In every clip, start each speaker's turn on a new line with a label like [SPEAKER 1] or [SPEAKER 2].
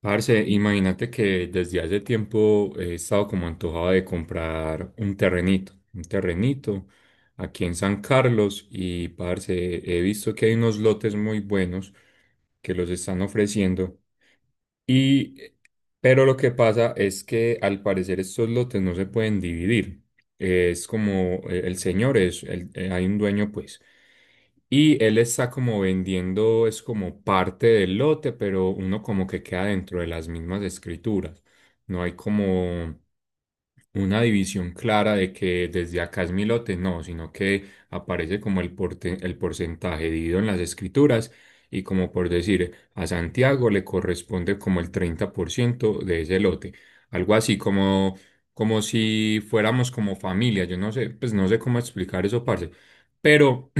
[SPEAKER 1] Parce, imagínate que desde hace tiempo he estado como antojado de comprar un terrenito aquí en San Carlos y parce, he visto que hay unos lotes muy buenos que los están ofreciendo y, pero lo que pasa es que al parecer estos lotes no se pueden dividir. Es como el señor es, hay un dueño pues. Y él está como vendiendo, es como parte del lote, pero uno como que queda dentro de las mismas escrituras. No hay como una división clara de que desde acá es mi lote, no, sino que aparece como el, el porcentaje dividido en las escrituras y como por decir, a Santiago le corresponde como el 30% de ese lote. Algo así como, como si fuéramos como familia, yo no sé, pues no sé cómo explicar eso, parce. Pero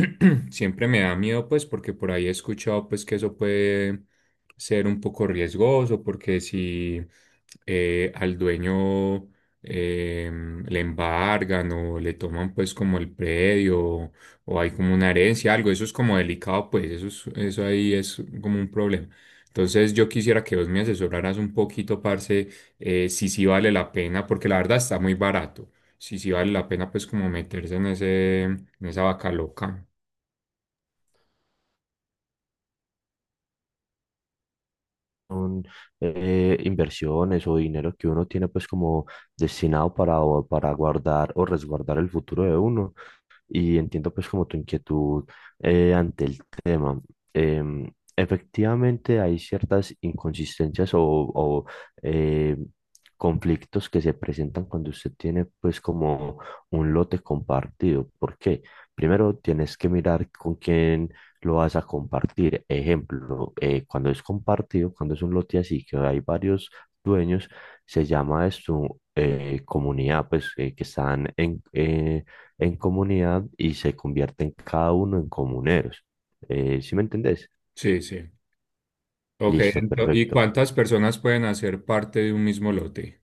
[SPEAKER 1] siempre me da miedo, pues, porque por ahí he escuchado, pues, que eso puede ser un poco riesgoso, porque si al dueño le embargan o le toman, pues, como el predio o hay como una herencia, algo, eso es como delicado, pues, eso ahí es como un problema. Entonces, yo quisiera que vos me asesoraras un poquito, parce, si sí vale la pena, porque la verdad está muy barato. Si sí vale la pena, pues, como meterse en ese, en esa vaca loca.
[SPEAKER 2] Son inversiones o dinero que uno tiene pues como destinado para, para guardar o resguardar el futuro de uno y entiendo pues como tu inquietud ante el tema. Em, Efectivamente hay ciertas inconsistencias o, eh, conflictos que se presentan cuando usted tiene pues como un lote compartido. ¿Por qué? Primero tienes que mirar con quién lo vas a compartir. Ejemplo, cuando es compartido, cuando es un lote así que hay varios dueños, se llama esto comunidad, pues que están en, en comunidad y se convierten cada uno en comuneros. ¿Sí me entendés?
[SPEAKER 1] Sí, sí. Ok,
[SPEAKER 2] Listo,
[SPEAKER 1] ¿y
[SPEAKER 2] perfecto.
[SPEAKER 1] cuántas personas pueden hacer parte de un mismo lote?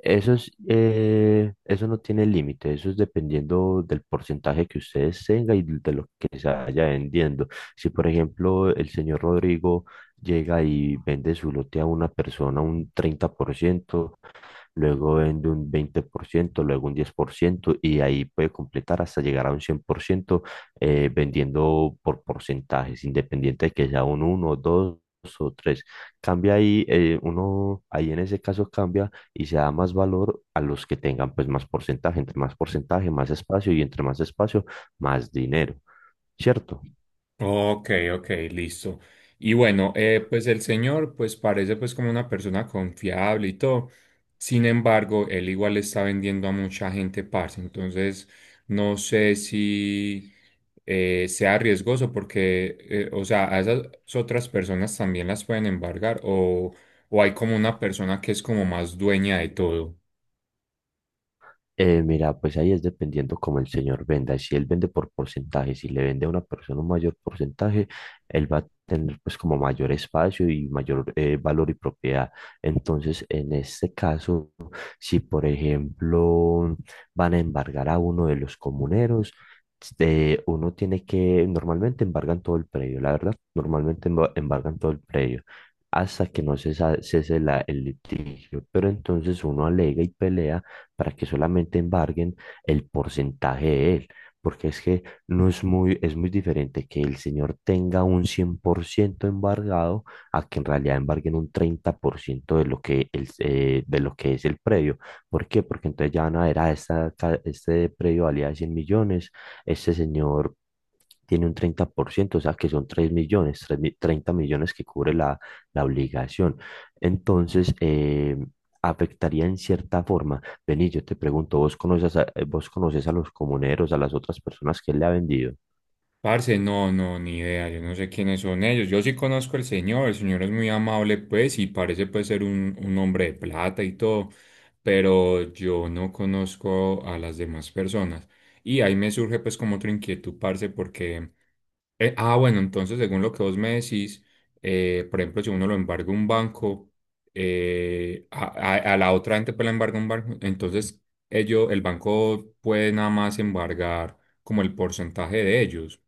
[SPEAKER 2] Eso es, eso no tiene límite, eso es dependiendo del porcentaje que ustedes tengan y de lo que se vaya vendiendo. Si, por ejemplo, el señor Rodrigo llega y vende su lote a una persona un 30%, luego vende un 20%, luego un 10% y ahí puede completar hasta llegar a un 100%, vendiendo por porcentajes, independiente de que sea un uno, 2 o tres. Cambia ahí, ahí en ese caso cambia y se da más valor a los que tengan pues más porcentaje. Entre más porcentaje, más espacio, y entre más espacio, más dinero, ¿cierto?
[SPEAKER 1] Ok, ok, listo. Y bueno, pues el señor pues parece pues como una persona confiable y todo. Sin embargo, él igual está vendiendo a mucha gente, parce. Entonces, no sé si sea riesgoso porque, o sea, a esas otras personas también las pueden embargar o hay como una persona que es como más dueña de todo.
[SPEAKER 2] Mira, pues ahí es dependiendo como el señor venda. Si él vende por porcentaje, si le vende a una persona un mayor porcentaje, él va a tener pues como mayor espacio y mayor valor y propiedad. Entonces, en este caso, si por ejemplo van a embargar a uno de los comuneros, uno tiene que, normalmente embargan todo el predio, la verdad, normalmente embargan todo el predio hasta que no cese la, el litigio, pero entonces uno alega y pelea para que solamente embarguen el porcentaje de él, porque es que no es muy, es muy diferente que el señor tenga un 100% embargado a que en realidad embarguen un 30% de lo que, de lo que es el predio. ¿Por qué? Porque entonces ya van a ver, este predio valía 100 millones, este señor tiene un 30%, o sea que son 3 millones, 30 millones, que cubre la obligación. Entonces, afectaría en cierta forma. Vení, yo te pregunto, vos conoces a los comuneros, a las otras personas que él le ha vendido?
[SPEAKER 1] Parce, no, no, ni idea, yo no sé quiénes son ellos. Yo sí conozco al señor, el señor es muy amable, pues, y parece pues ser un hombre de plata y todo, pero yo no conozco a las demás personas. Y ahí me surge pues como otra inquietud, parce, porque, bueno, entonces según lo que vos me decís, por ejemplo, si uno lo embarga un banco, eh, a, a la otra gente pues la embarga un banco, entonces ellos, el banco puede nada más embargar como el porcentaje de ellos.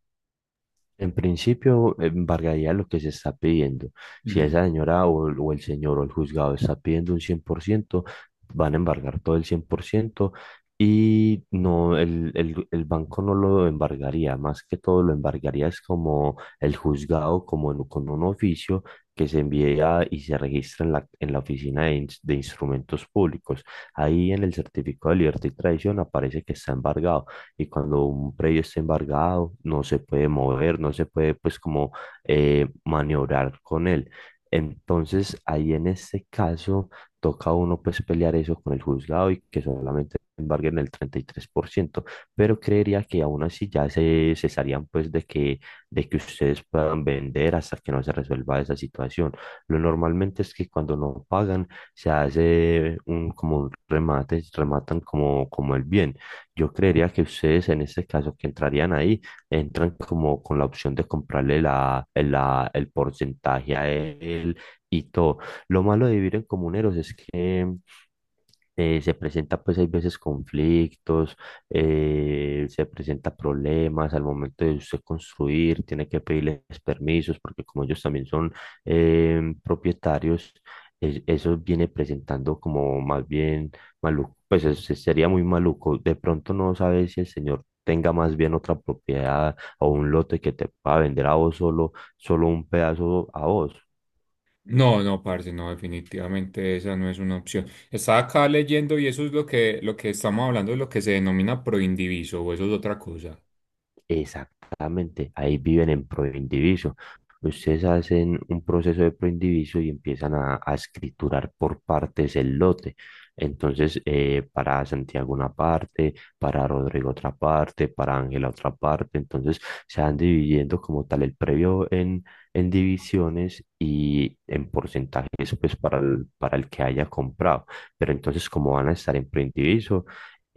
[SPEAKER 2] En principio, embargaría lo que se está pidiendo. Si esa señora o el señor o el juzgado está pidiendo un 100%, van a embargar todo el 100% y no, el banco no lo embargaría. Más que todo, lo embargaría es como el juzgado, como con un oficio que se envía y se registra en en la oficina de, de instrumentos públicos. Ahí en el certificado de libertad y tradición aparece que está embargado, y cuando un predio está embargado no se puede mover, no se puede pues como maniobrar con él. Entonces ahí en este caso toca a uno pues pelear eso con el juzgado y que solamente embarguen el 33%, pero creería que aún así ya se cesarían pues de que ustedes puedan vender hasta que no se resuelva esa situación. Lo normalmente es que cuando no pagan se hace un como un remate, rematan como, como el bien. Yo creería que ustedes en este caso que entrarían ahí, entran como con la opción de comprarle el porcentaje a él y todo. Lo malo de vivir en comuneros es que se presenta pues hay veces conflictos, se presenta problemas al momento de usted construir, tiene que pedirles permisos porque como ellos también son propietarios, eso viene presentando como más bien maluco. Pues sería muy maluco. De pronto no sabes si el señor tenga más bien otra propiedad o un lote que te pueda vender a vos solo, solo un pedazo a vos.
[SPEAKER 1] No, no, parce, no, definitivamente esa no es una opción. Estaba acá leyendo y eso es lo que estamos hablando, es lo que se denomina proindiviso, o eso es otra cosa.
[SPEAKER 2] Exactamente, ahí viven en proindiviso. Ustedes hacen un proceso de proindiviso y empiezan a escriturar por partes el lote. Entonces, para Santiago una parte, para Rodrigo otra parte, para Ángela otra parte. Entonces, se van dividiendo como tal el previo en divisiones y en porcentajes, pues para para el que haya comprado. Pero entonces, como van a estar en proindiviso,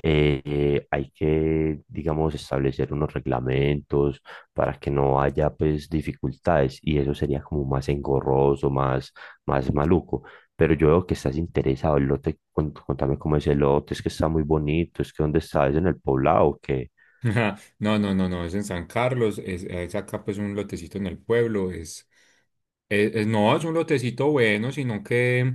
[SPEAKER 2] hay que, digamos, establecer unos reglamentos para que no haya, pues, dificultades, y eso sería como más engorroso, más, más maluco. Pero yo veo que estás interesado. El lote, contame cómo es el lote, es que está muy bonito, es que dónde está, es en el poblado, que...
[SPEAKER 1] No, no, no, no, es en San Carlos, es acá pues un lotecito en el pueblo, es. No, es un lotecito bueno,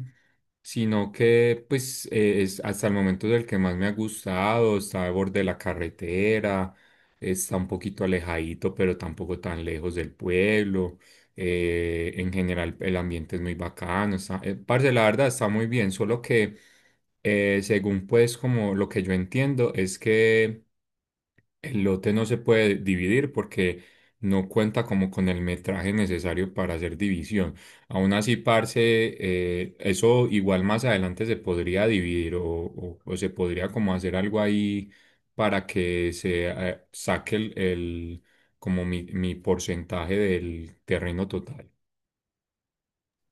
[SPEAKER 1] sino que, pues, es hasta el momento es el que más me ha gustado. Está al borde de la carretera, está un poquito alejadito, pero tampoco tan lejos del pueblo. En general, el ambiente es muy bacano. Está, parce, la verdad está muy bien, solo que, según pues, como lo que yo entiendo, es que el lote no se puede dividir porque no cuenta como con el metraje necesario para hacer división. Aún así, parce, eso igual más adelante se podría dividir o, o se podría como hacer algo ahí para que se saque el, como mi porcentaje del terreno total.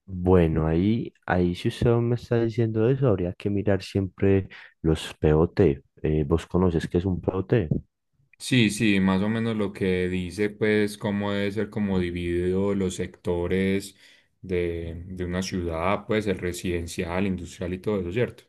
[SPEAKER 2] Bueno, ahí, ahí si usted me está diciendo eso, habría que mirar siempre los POT. ¿Vos conoces qué es un POT?
[SPEAKER 1] Sí, sí, más o menos lo que dice, pues, cómo debe ser como dividido los sectores de una ciudad, pues, el residencial, industrial y todo eso, ¿cierto?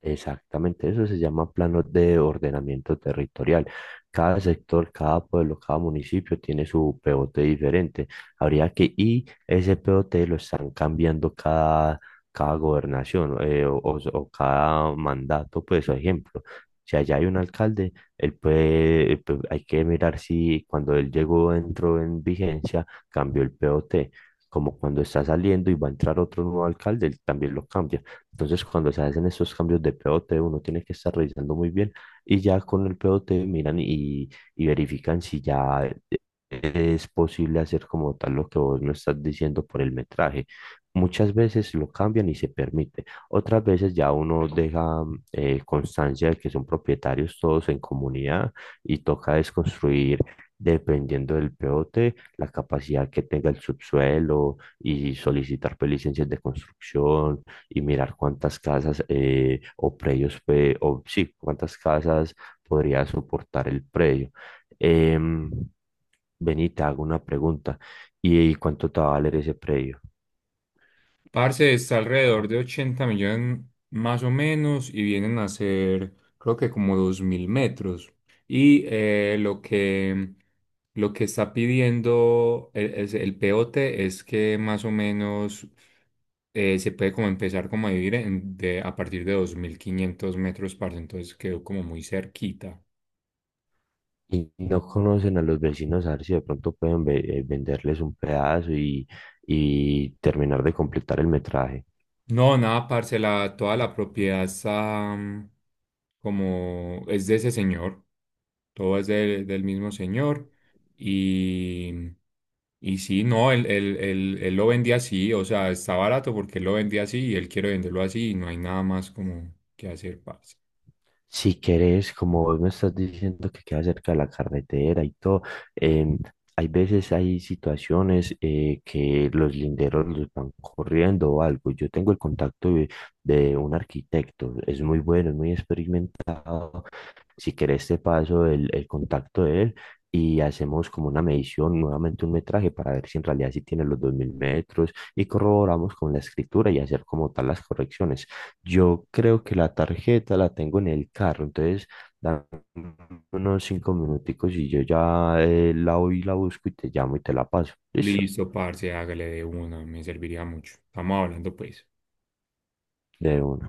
[SPEAKER 2] Exactamente, eso se llama planos de ordenamiento territorial. Cada sector, cada pueblo, cada municipio tiene su POT diferente. Habría que, y ese POT lo están cambiando cada, cada gobernación o o cada mandato, pues, por ejemplo. Si allá hay un alcalde, él puede, pues, hay que mirar si cuando él llegó, entró en vigencia, cambió el POT. Como cuando está saliendo y va a entrar otro nuevo alcalde, él también lo cambia. Entonces, cuando se hacen estos cambios de POT, uno tiene que estar revisando muy bien y ya con el POT miran y verifican si ya eh, es posible hacer como tal lo que vos me estás diciendo por el metraje. Muchas veces lo cambian y se permite. Otras veces ya uno deja constancia de que son propietarios todos en comunidad y toca desconstruir, dependiendo del POT, la capacidad que tenga el subsuelo, y solicitar pues licencias de construcción y mirar cuántas casas o predios, o sí, cuántas casas podría soportar el predio. Em, Ven, te hago una pregunta. Y cuánto te va a valer ese predio?
[SPEAKER 1] Parce, está alrededor de 80 millones más o menos y vienen a ser, creo que como 2000 metros. Y lo que está pidiendo el, el POT es que más o menos se puede como empezar como a vivir de, a partir de 2500 metros, parce. Entonces quedó como muy cerquita.
[SPEAKER 2] Y no conocen a los vecinos, a ver si de pronto pueden venderles un pedazo y terminar de completar el metraje.
[SPEAKER 1] No, nada, parce, toda la propiedad está mm, como es de ese señor. Todo es del, del mismo señor. Y, y sí, no, él lo vendía así, o sea, está barato porque él lo vendía así y él quiere venderlo así y no hay nada más como que hacer, parce.
[SPEAKER 2] Si querés, como vos me estás diciendo que queda cerca de la carretera y todo, em, hay veces hay situaciones que los linderos los van corriendo o algo. Yo tengo el contacto de un arquitecto, es muy bueno, es muy experimentado. Si querés, te paso el contacto de él, y hacemos como una medición, nuevamente un metraje, para ver si en realidad sí tiene los 2000 metros y corroboramos con la escritura y hacer como tal las correcciones. Yo creo que la tarjeta la tengo en el carro, entonces dame unos 5 minuticos y yo ya la voy y la busco y te llamo y te la paso. Listo,
[SPEAKER 1] Listo, parce, hágale de una, me serviría mucho. Estamos hablando, pues.
[SPEAKER 2] de una.